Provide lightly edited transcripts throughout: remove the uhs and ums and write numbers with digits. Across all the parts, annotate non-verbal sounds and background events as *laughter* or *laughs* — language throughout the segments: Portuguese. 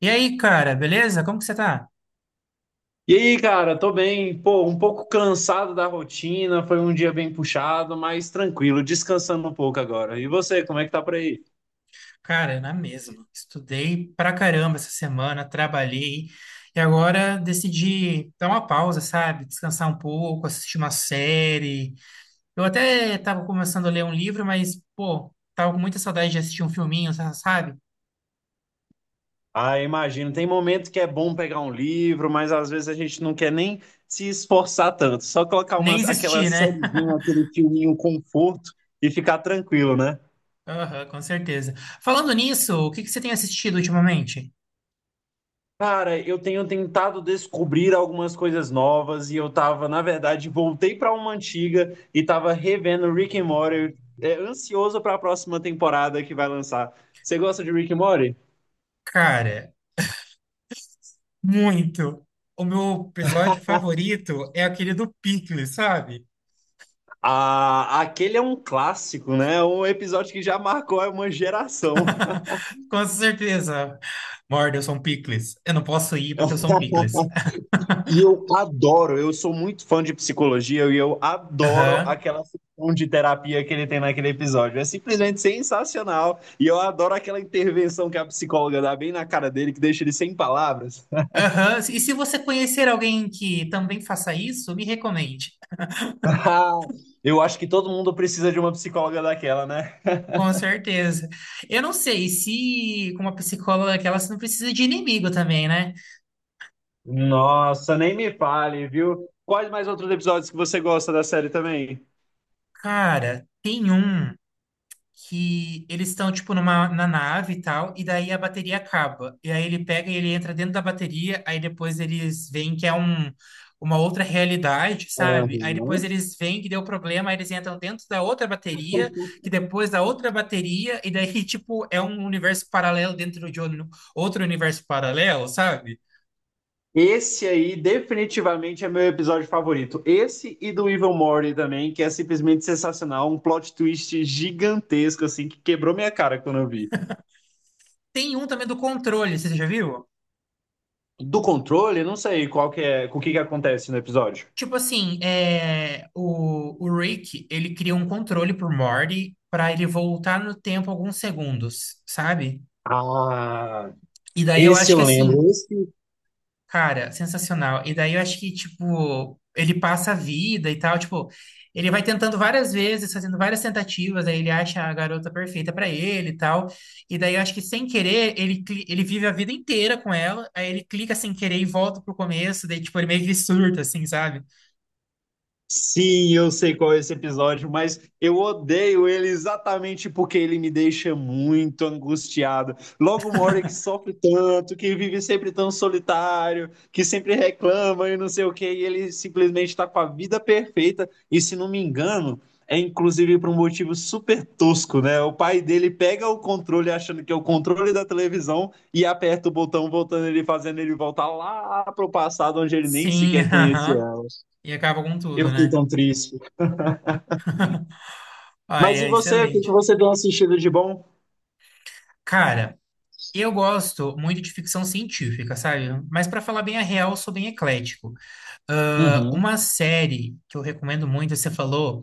E aí, cara, beleza? Como que você tá? E aí, cara, tô bem, pô, um pouco cansado da rotina, foi um dia bem puxado, mas tranquilo, descansando um pouco agora. E você, como é que tá por aí? Cara, na mesma. Estudei pra caramba essa semana, trabalhei e agora decidi dar uma pausa, sabe? Descansar um pouco, assistir uma série. Eu até tava começando a ler um livro, mas, pô, tava com muita saudade de assistir um filminho, sabe? Ah, imagino, tem momento que é bom pegar um livro, mas às vezes a gente não quer nem se esforçar tanto, só colocar Nem umas, aquela existir, né? sériezinha, *laughs* aquele filminho conforto e ficar tranquilo, né? Aham, com certeza. Falando nisso, o que que você tem assistido ultimamente? Cara, eu tenho tentado descobrir algumas coisas novas e eu tava, na verdade, voltei pra uma antiga e tava revendo Rick and Morty, é, ansioso pra próxima temporada que vai lançar. Você gosta de Rick and Morty? Cara, muito. O meu episódio favorito é aquele do Pickles, sabe? Ah, aquele é um clássico, né? Um episódio que já marcou uma geração. Com certeza. Morde, eu sou um picles. Eu não posso ir porque eu *laughs* sou um picles. E eu adoro, eu sou muito fã de psicologia e eu adoro Aham. aquela sessão de terapia que ele tem naquele episódio. É simplesmente sensacional. E eu adoro aquela intervenção que a psicóloga dá bem na cara dele, que deixa ele sem palavras. *laughs* Aham. E se você conhecer alguém que também faça isso, me recomende. Ah, eu acho que todo mundo precisa de uma psicóloga daquela, né? Com certeza. Eu não sei se com uma psicóloga daquela você não precisa de inimigo também, né? Nossa, nem me fale, viu? Quais mais outros episódios que você gosta da série também? Cara, tem um que eles estão, tipo, na nave e tal, e daí a bateria acaba. E aí ele pega e ele entra dentro da bateria, aí depois eles veem que é uma outra realidade, sabe? Aí depois eles veem que deu problema, aí eles entram dentro da outra bateria, que depois da outra bateria, e daí, *laughs* tipo, é um universo paralelo dentro de outro universo paralelo, sabe? Esse aí definitivamente é meu episódio favorito. Esse e do Evil Morty também, que é simplesmente sensacional, um plot twist gigantesco assim que quebrou minha cara quando eu vi. Tem um também do controle, você já viu? Do controle, não sei qual que é, o que que acontece no episódio. Tipo assim, é, o Rick, ele cria um controle pro Morty pra ele voltar no tempo alguns segundos, sabe? Ah, E daí eu esse acho que eu assim, lembro. Esse cara, sensacional. E daí eu acho que, tipo, ele passa a vida e tal, tipo, ele vai tentando várias vezes, fazendo várias tentativas, aí ele acha a garota perfeita pra ele e tal. E daí eu acho que sem querer, ele, ele vive a vida inteira com ela, aí ele clica sem querer e volta pro começo, daí, tipo, ele meio que surta, assim, sabe? Sim, eu sei qual é esse episódio, mas eu odeio ele exatamente porque ele me deixa muito angustiado. Logo uma hora que sofre tanto, que vive sempre tão solitário, que sempre reclama e não sei o quê, e ele simplesmente está com a vida perfeita. E se não me engano, é inclusive por um motivo super tosco, né? O pai dele pega o controle achando que é o controle da televisão e aperta o botão, voltando ele, fazendo ele voltar lá pro passado onde ele nem Sim, sequer *laughs* conhecia aham. ela. E acaba com Eu tudo, fiquei né? tão triste. Ah, Mas e é você? O que que excelente. você tem assistido de bom? Cara, eu gosto muito de ficção científica, sabe? Mas pra falar bem a real, eu sou bem eclético. Ah, Uhum, uma série que eu recomendo muito, você falou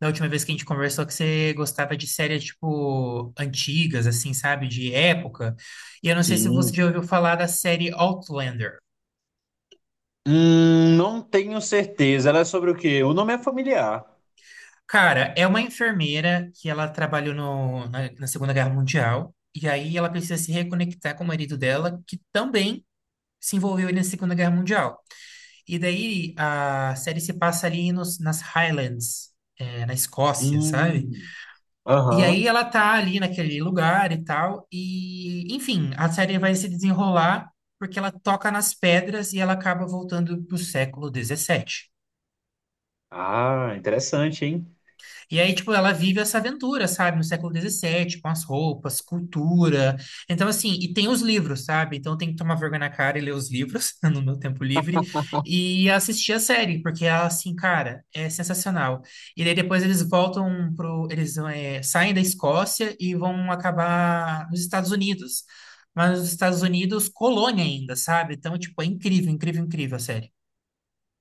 da última vez que a gente conversou que você gostava de séries tipo antigas, assim, sabe? De época. E eu não sei se você sim. já ouviu falar da série Outlander. Não tenho certeza. Ela é sobre o quê? O nome é familiar. Cara, é uma enfermeira que ela trabalhou na Segunda Guerra Mundial. E aí ela precisa se reconectar com o marido dela, que também se envolveu aí na Segunda Guerra Mundial. E daí a série se passa ali nas Highlands, é, na Escócia, sabe? Hum, E aham. aí ela tá ali naquele lugar e tal, e enfim, a série vai se desenrolar porque ela toca nas pedras e ela acaba voltando pro século XVII. Ah, interessante, hein? E aí, tipo, ela vive essa aventura, sabe? No século XVII, com as roupas, cultura. Então, assim, e tem os livros, sabe? Então, tem que tomar vergonha na cara e ler os livros *laughs* no meu tempo livre e assistir a série, porque ela, assim, cara, é sensacional. E daí depois eles voltam pro... Eles é, saem da Escócia e vão acabar nos Estados Unidos. Mas nos Estados Unidos, colônia ainda, sabe? Então, tipo, é incrível, incrível, incrível a série.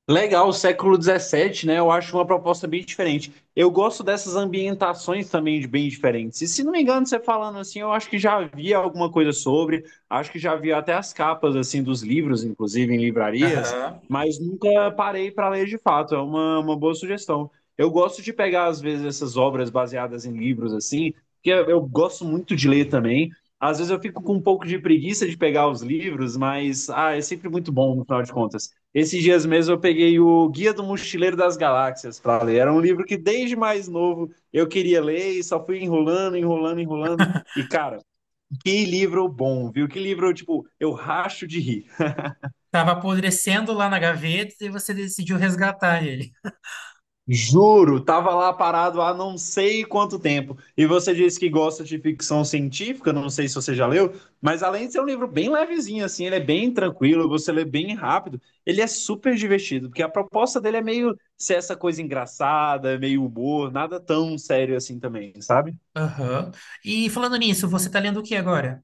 Legal, século XVII, né? Eu acho uma proposta bem diferente. Eu gosto dessas ambientações também de bem diferentes. E se não me engano, você falando assim, eu acho que já vi alguma coisa sobre, acho que já vi até as capas assim dos livros, inclusive em livrarias, Aham. mas nunca parei para ler de fato. É uma boa sugestão. Eu gosto de pegar às vezes essas obras baseadas em livros assim, porque eu gosto muito de ler também. Às vezes eu fico com um pouco de preguiça de pegar os livros, mas ah, é sempre muito bom no final de contas. Esses dias mesmo eu peguei o Guia do Mochileiro das Galáxias para ler. Era um livro que desde mais novo eu queria ler e só fui enrolando, enrolando, enrolando. E cara, que livro bom, viu? Que livro, tipo, eu racho de rir. Tava apodrecendo lá na gaveta e você decidiu resgatar ele. Juro, tava lá parado há não sei quanto tempo. E você disse que gosta de ficção científica, não sei se você já leu, mas além de ser um livro bem levezinho, assim, ele é bem tranquilo, você lê bem rápido, ele é super divertido, porque a proposta dele é meio ser essa coisa engraçada, meio humor, nada tão sério assim também, sabe? Aham. E falando nisso, você tá lendo o que agora?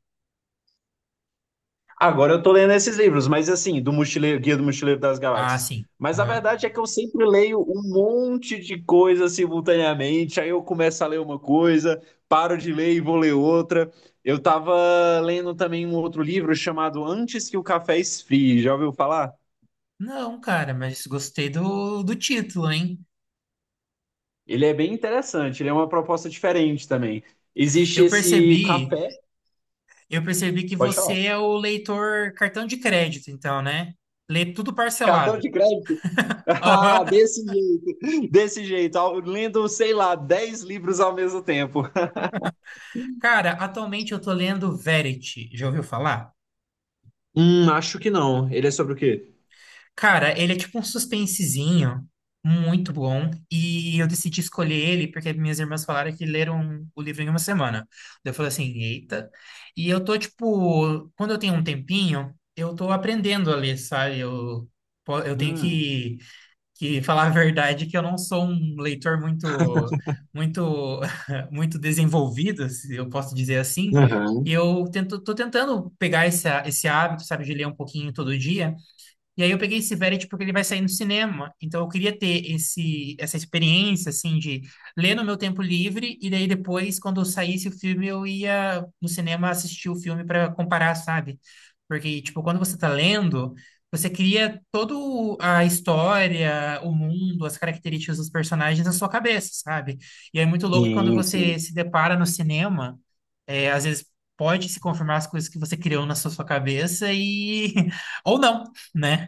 Agora eu tô lendo esses livros, mas assim, do Mochileiro, Guia do Mochileiro das Ah, Galáxias. sim. Mas a Aham. verdade é que eu sempre leio um monte de coisa simultaneamente, aí eu começo a ler uma coisa, paro de ler e vou ler outra. Eu tava lendo também um outro livro chamado Antes que o Café Esfrie, já ouviu falar? Não, cara, mas gostei do título, hein? Ele é bem interessante, ele é uma proposta diferente também. Existe Eu esse percebi, café, eu percebi que pode falar. você é o leitor cartão de crédito, então, né? Lê tudo Cartão parcelado. de crédito? *laughs* *laughs* Ah, Aham. Desse jeito, lendo, sei lá, 10 livros ao mesmo tempo. Cara, atualmente eu tô lendo Verity. Já ouviu falar? Acho que não. Ele é sobre o quê? Cara, ele é tipo um suspensezinho muito bom e eu decidi escolher ele porque minhas irmãs falaram que leram o livro em uma semana. Daí eu falei assim, eita. E eu tô tipo, quando eu tenho um tempinho, eu tô aprendendo a ler, sabe? Eu, eu tenho Hum. Que falar a verdade que eu não sou um leitor muito, muito, *laughs* muito desenvolvido, se eu posso dizer assim. E Aham. eu tento, tô tentando pegar esse, esse hábito, sabe, de ler um pouquinho todo dia. E aí eu peguei esse Verity porque ele vai sair no cinema. Então eu queria ter esse, essa experiência, assim, de ler no meu tempo livre e daí depois, quando saísse o filme, eu ia no cinema assistir o filme para comparar, sabe? Porque, tipo, quando você tá lendo, você cria toda a história, o mundo, as características dos personagens na sua cabeça, sabe? E é muito louco quando Sim, sim. você se depara no cinema, é, às vezes pode se confirmar as coisas que você criou na sua cabeça e... *laughs* ou não, né?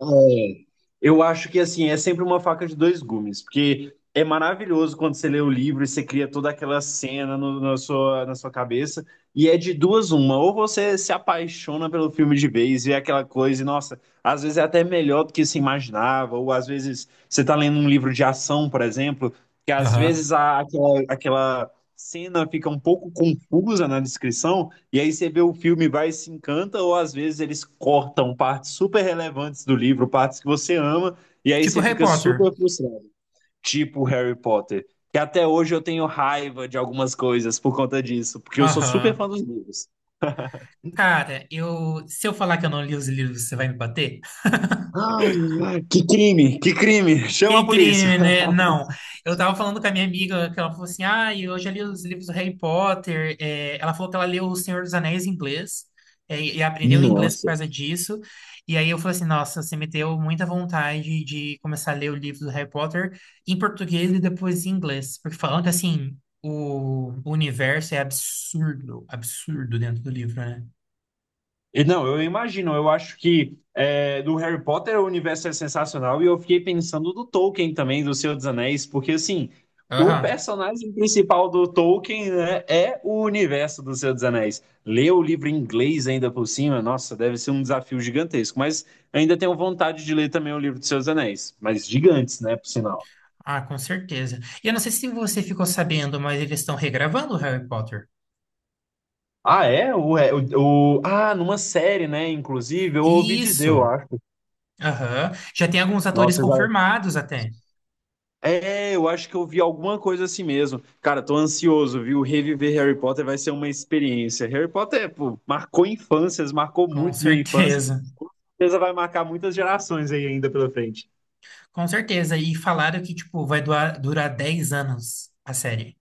É, eu acho que assim, é sempre uma faca de dois gumes, porque é maravilhoso quando você lê o livro e você cria toda aquela cena na sua cabeça, e é de duas uma, ou você se apaixona pelo filme de vez, vê aquela coisa, e nossa, às vezes é até melhor do que se imaginava, ou às vezes você tá lendo um livro de ação, por exemplo, que às Aham. vezes aquela cena fica um pouco confusa na descrição, e aí você vê o filme, vai e se encanta, ou às vezes eles cortam partes super relevantes do livro, partes que você ama, e aí Tipo você Harry fica Potter. super frustrado. Tipo Harry Potter. Que até hoje eu tenho raiva de algumas coisas por conta disso, porque eu sou super fã Aham. dos livros. Cara, eu, se eu falar que eu não li os livros, você vai me bater? Ah, que crime, que crime! Chama a Que polícia! crime, né? Não. Eu tava falando com a minha amiga que ela falou assim: ah, eu já li os livros do Harry Potter. É, ela falou que ela leu O Senhor dos Anéis em inglês, é, e aprendeu inglês por Nossa. causa disso. E aí eu falei assim: nossa, você me deu muita vontade de começar a ler o livro do Harry Potter em português e depois em inglês. Porque falando que assim, o universo é absurdo, absurdo dentro do livro, né? Não, eu imagino. Eu acho que é, do Harry Potter o universo é sensacional e eu fiquei pensando do Tolkien também, do Senhor dos Anéis, porque assim, o Aham. personagem principal do Tolkien, né, é o universo do Senhor dos Anéis. Ler o livro em inglês ainda por cima, nossa, deve ser um desafio gigantesco. Mas ainda tenho vontade de ler também o livro do Senhor dos Anéis, mas gigantes, né, por sinal. Ah, com certeza. E eu não sei se você ficou sabendo, mas eles estão regravando o Harry Potter. Ah, é? Numa série, né? Inclusive, eu ouvi dizer, eu Isso. acho. Aham. Já tem alguns atores Nossa, eu já confirmados até. é, eu acho que eu vi alguma coisa assim mesmo. Cara, tô ansioso, viu? Reviver Harry Potter vai ser uma experiência. Harry Potter, pô, marcou infâncias, marcou Com muito minha infância. certeza. Com *laughs* certeza vai marcar muitas gerações aí ainda pela frente. Com certeza. E falaram que, tipo, vai durar 10 anos a série.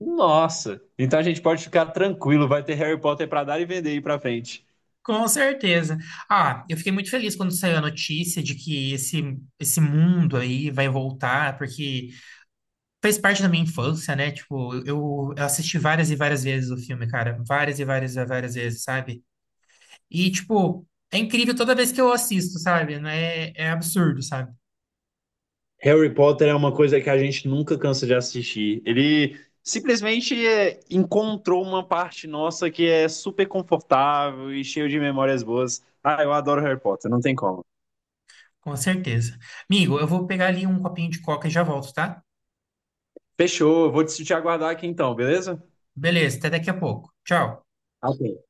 Nossa, então a gente pode ficar tranquilo, vai ter Harry Potter pra dar e vender aí pra frente. Com certeza. Ah, eu fiquei muito feliz quando saiu a notícia de que esse mundo aí vai voltar, porque fez parte da minha infância, né? Tipo, eu assisti várias e várias vezes o filme, cara. Várias e várias e várias vezes, sabe? E, tipo, é incrível toda vez que eu assisto, sabe? Não É, é absurdo, sabe? Harry Potter é uma coisa que a gente nunca cansa de assistir. Ele simplesmente é, encontrou uma parte nossa que é super confortável e cheio de memórias boas. Ah, eu adoro Harry Potter, não tem como. Com certeza. Amigo, eu vou pegar ali um copinho de coca e já volto, tá? Fechou, vou te aguardar aqui então, beleza? Beleza, até daqui a pouco. Tchau. Ok,